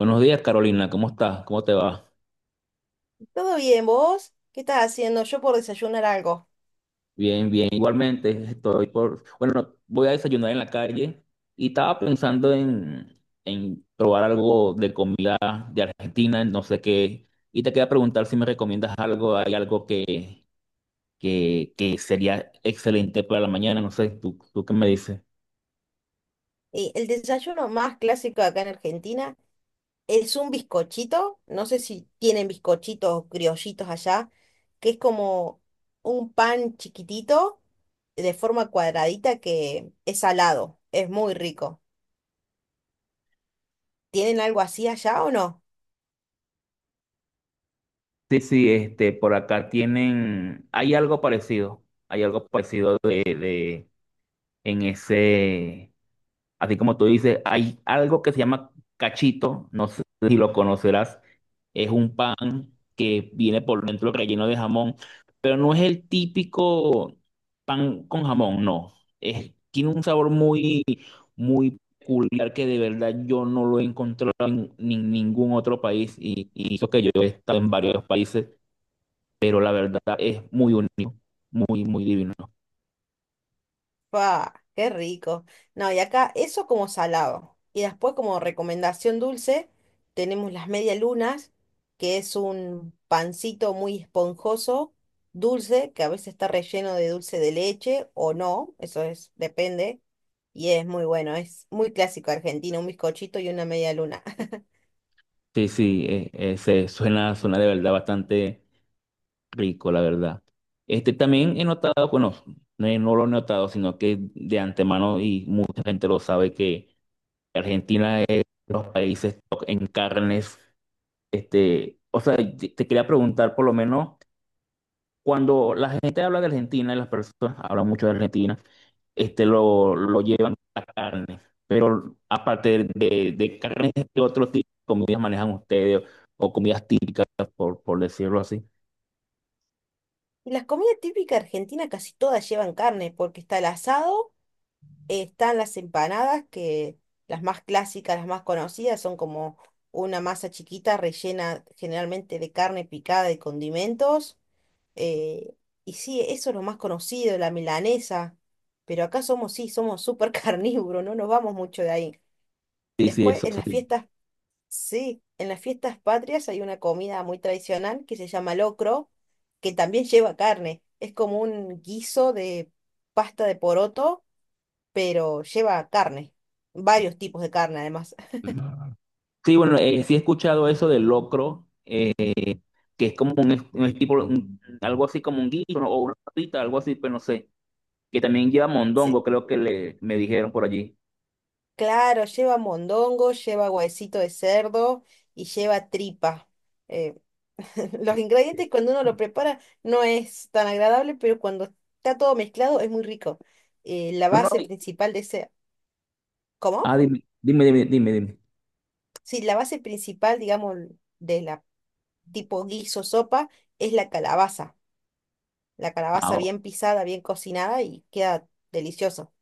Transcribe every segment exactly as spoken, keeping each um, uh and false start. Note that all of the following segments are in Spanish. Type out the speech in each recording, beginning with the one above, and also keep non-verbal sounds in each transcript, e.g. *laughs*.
Buenos días, Carolina. ¿Cómo estás? ¿Cómo te va? ¿Todo bien, vos? ¿Qué estás haciendo? Yo por desayunar algo. Bien, bien. Igualmente, estoy por... Bueno, voy a desayunar en la calle y estaba pensando en, en probar algo de comida de Argentina, no sé qué. Y te quería preguntar si me recomiendas algo, hay algo que, que, que sería excelente para la mañana, no sé, ¿tú, tú qué me dices? Eh, el desayuno más clásico acá en Argentina es un bizcochito. No sé si tienen bizcochitos o criollitos allá, que es como un pan chiquitito de forma cuadradita que es salado. Es muy rico. ¿Tienen algo así allá o no? Sí, sí, este, por acá tienen, hay algo parecido, hay algo parecido de, de, en ese, así como tú dices, hay algo que se llama cachito, no sé si lo conocerás, es un pan que viene por dentro relleno de jamón, pero no es el típico pan con jamón, no. Es, tiene un sabor muy, muy peculiar que de verdad yo no lo he encontrado en ni- ningún otro país y, y eso que yo he estado en varios países, pero la verdad es muy único, muy, muy divino. Pa, qué rico. No, y acá eso como salado. Y después como recomendación dulce, tenemos las medialunas, que es un pancito muy esponjoso, dulce, que a veces está relleno de dulce de leche o no, eso es, depende. Y es muy bueno, es muy clásico argentino, un bizcochito y una media luna. *laughs* Sí, sí, eh, eh, se- suena, suena de verdad bastante rico, la verdad. Este, también he notado, bueno, no, he- no lo he notado, sino que de antemano y mucha gente lo sabe que Argentina es de los países top en carnes. Este, o sea, te te quería preguntar, por lo menos, cuando la gente habla de Argentina, y las personas hablan mucho de Argentina, este, lo, lo llevan a carne. Pero aparte de, de carnes, ¿qué otro tipo de comidas manejan ustedes o comidas típicas, por, por decirlo así? Y las comidas típicas argentinas casi todas llevan carne, porque está el asado. Están las empanadas, que las más clásicas, las más conocidas, son como una masa chiquita rellena generalmente de carne picada y condimentos. eh, y sí, eso es lo más conocido, la milanesa. Pero acá somos, sí, somos súper *laughs* carnívoros, no nos vamos mucho de ahí. Sí, sí, Después, eso en las sí. fiestas, sí, en las fiestas patrias hay una comida muy tradicional que se llama locro, que también lleva carne. Es como un guiso de pasta de poroto pero lleva carne, varios tipos de carne además. *laughs* Sí, bueno, eh, sí he escuchado eso del locro, que es como un, es- un tipo, un- algo así como un guiso, ¿no? O una patita, algo así, pero no sé, que también lleva Sí, mondongo, creo que le, me dijeron por allí. claro, lleva mondongo, lleva huesito de cerdo y lleva tripa. Eh, *laughs* los ingredientes cuando uno lo prepara no es tan agradable, pero cuando está todo mezclado es muy rico. Eh, la No, no, base principal de ese... ¿Cómo? ah, dime, dime, dime, dime, dime. Sí, la base principal, digamos, de la tipo guiso sopa es la calabaza. La Ah, calabaza o- bien pisada, bien cocinada y queda delicioso.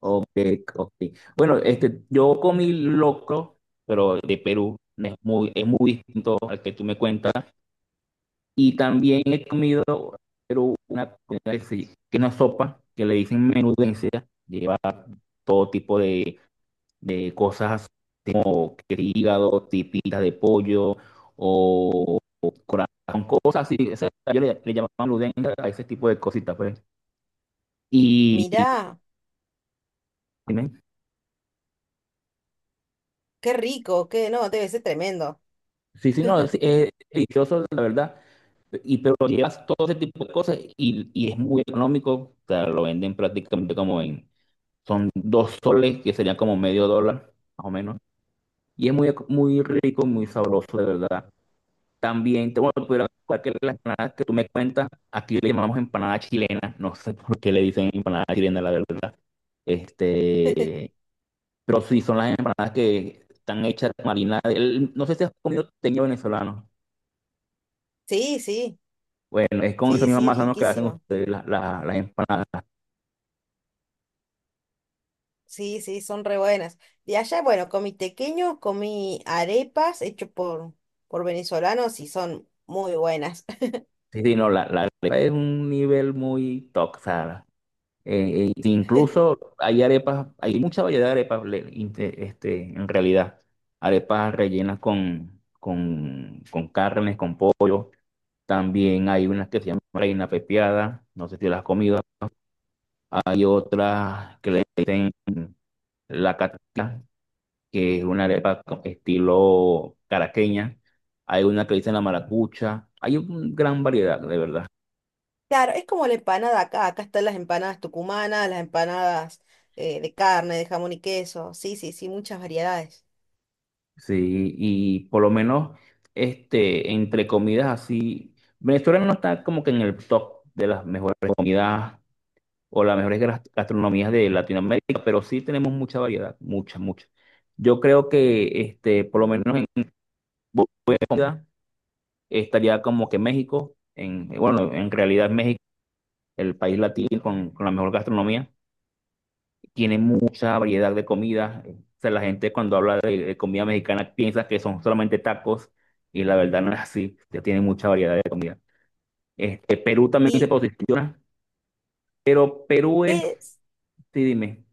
ok, ok. Bueno, este, yo comí locro, pero de Perú, es muy, es muy distinto al que tú me cuentas. Y también he comido pero una comida que, se- que es una sopa que le dicen menudencia, lleva todo tipo de, de cosas así como que hígado, tipitas de pollo o, o corazón, cosas así. O sea, yo le, le llamo menudencia a ese tipo de cositas, pues. Y, y- Mirá. Qué rico, qué no, debe ser tremendo. sí, sí, no, es, es delicioso, la verdad. Y pero llevas todo ese tipo de cosas y, y es muy económico, o sea, lo venden prácticamente como en... Son dos soles, que serían como medio dólar, más o menos. Y es muy, muy rico, muy sabroso, de verdad. También, te, bueno, te pudiera contar que las empanadas que tú me cuentas, aquí le llamamos empanada chilena. No sé por qué le dicen empanada chilena, la verdad. Este, pero sí, son las empanadas que están hechas de marinada. El- no sé si has comido teñido venezolano. Sí, sí, Bueno, es con esa sí, misma sí, masa, ¿no?, que hacen riquísimo. ustedes la- la- las empanadas. Sí, sí, son re buenas. De allá, bueno, comí tequeño, comí arepas hecho por, por venezolanos y son muy buenas. *laughs* Sí, sí, no, la, la arepa es un nivel muy top, o sea, eh, e incluso hay arepas, hay mucha variedad de arepas le- inte- este, en realidad. Arepas rellenas con, con, con carnes, con pollo. También hay unas que se llaman reina pepiada, no sé si las has comido. Hay otras que le dicen la cata, que es una arepa con estilo caraqueña. Hay una que le dicen la maracucha. Hay una gran variedad, de verdad. Claro, es como la empanada acá. Acá están las empanadas tucumanas, las empanadas eh, de carne, de jamón y queso. Sí, sí, sí, muchas variedades. Sí, y por lo menos, este, entre comidas así, Venezuela no está como que en el top de las mejores comidas o las mejores gas- gastronomías de Latinoamérica, pero sí tenemos mucha variedad, mucha, mucha. Yo creo que, este, por lo menos en bu- buena comida estaría como que México, en, bueno, en realidad México, el país latino con, con la mejor gastronomía. Tiene mucha variedad de comida. O sea, la gente cuando habla de, de comida mexicana piensa que son solamente tacos y la verdad no es así, ya tiene mucha variedad de comida. Este, Perú también se ¿Y posiciona, pero Perú es, es, sí, dime,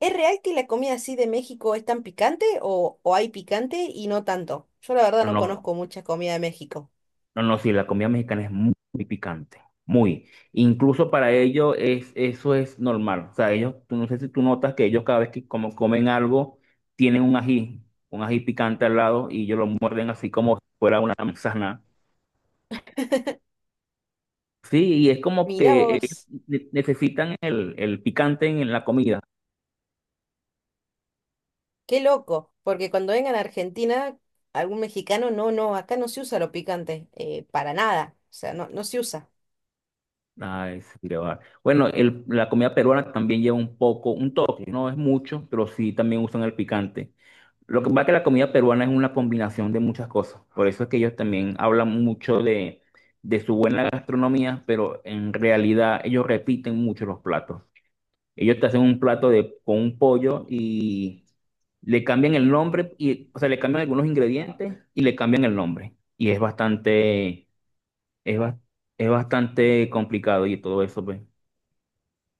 es real que la comida así de México es tan picante o, o hay picante y no tanto? Yo la verdad no, no no, conozco mucha comida de México. no, no, sí, la comida mexicana es muy, muy picante, muy. Incluso para ellos es, eso es normal. O sea, ellos, tú no sé si tú notas que ellos cada vez que como comen algo tienen un ají, un ají picante al lado y ellos lo muerden así como si fuera una manzana. Sí, y es como Mirá que ellos vos, ne- necesitan el, el picante en la comida. qué loco, porque cuando vengan a Argentina, algún mexicano, no, no, acá no se usa lo picante, eh, para nada, o sea, no, no se usa. Ay, sí, qué va. Bueno, el- la comida peruana también lleva un poco, un toque, no es mucho, pero sí también usan el picante. Lo que pasa es que la comida peruana es una combinación de muchas cosas. Por eso es que ellos también hablan mucho de, de su buena gastronomía, pero en realidad ellos repiten mucho los platos. Ellos te hacen un plato de, con un pollo y le cambian el nombre, y, o sea, le cambian algunos ingredientes y le cambian el nombre. Y es bastante, es, bas- es bastante complicado y todo eso, pues.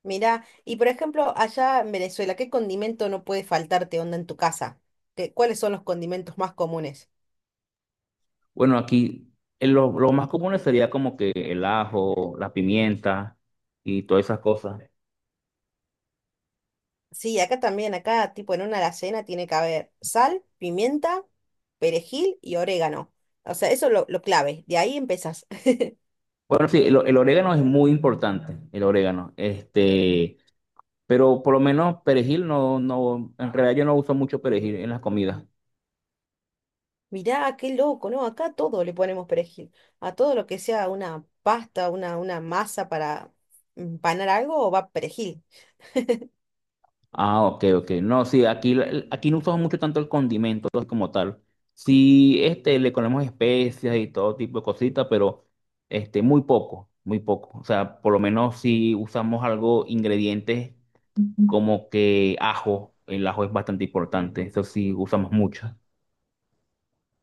Mirá, y por ejemplo, allá en Venezuela, ¿qué condimento no puede faltarte onda en tu casa? ¿Qué- cuáles son los condimentos más comunes? Bueno, aquí eh, lo, lo más común sería como que el ajo, la pimienta y todas esas cosas. Sí, acá también, acá tipo en una alacena tiene que haber sal, pimienta, perejil y orégano. O sea, eso es lo, lo clave, de ahí empezás. Bueno, sí, el, el orégano es muy importante, el orégano. Este, pero por lo menos perejil no, no, en realidad yo no uso mucho perejil en las comidas. Mirá, qué loco, ¿no? Acá a todo le ponemos perejil. A todo lo que sea una pasta, una, una masa para empanar algo, va perejil. Ah, ok, ok. No, sí, aquí, la- aquí no usamos mucho tanto el condimento como tal. Sí, este, le ponemos especias y todo tipo de cositas, pero este, muy poco, muy poco. O sea, por lo menos si usamos algo, ingredientes... Ujú. Como que ajo, el ajo es bastante importante, eso sí usamos mucho.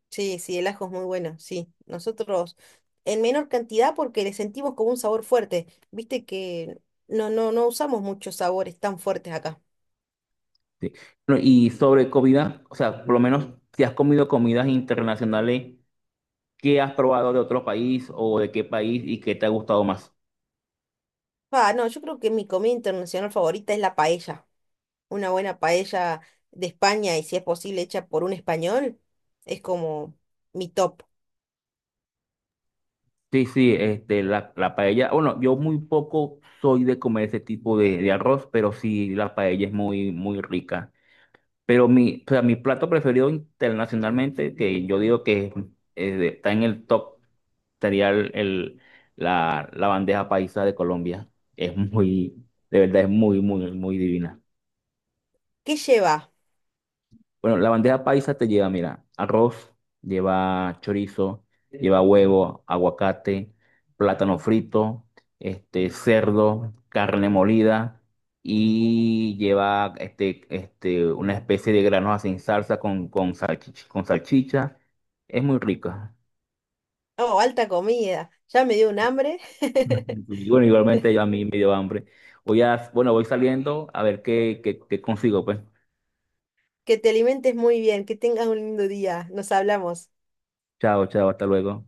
Sí, sí, el ajo es muy bueno, sí. Nosotros en menor cantidad porque le sentimos como un sabor fuerte. Viste que no, no, no usamos muchos sabores tan fuertes acá. Sí. Bueno, y sobre comida, o sea, por lo menos si has comido comidas internacionales, ¿qué has probado de otro país o de qué país y qué te ha gustado más? Ah, no, yo creo que mi comida internacional favorita es la paella. Una buena paella de España y si es posible hecha por un español, es como mi top. Sí, sí, este, la, la paella, bueno, yo muy poco soy de comer ese tipo de, de arroz, pero sí la paella es muy, muy rica. Pero mi, o sea, mi plato preferido internacionalmente, que yo digo que eh, está en el top, sería el, el- la, la bandeja paisa de Colombia. Es muy, de verdad es muy, muy, muy divina. ¿Qué lleva? Bueno, la bandeja paisa te lleva, mira, arroz, lleva chorizo, lleva huevo, aguacate, plátano frito, este, cerdo, carne molida y lleva este, este, una especie de granos sin salsa con, con salchicha, con salchicha. Es muy rica. Oh, alta comida. Ya me dio un hambre. *laughs* Y bueno, igualmente ya a mí me dio hambre. Voy a, bueno, voy saliendo a ver qué, qué, qué consigo, pues. Que te alimentes muy bien, que tengas un lindo día. Nos hablamos. Chao, chao, hasta luego.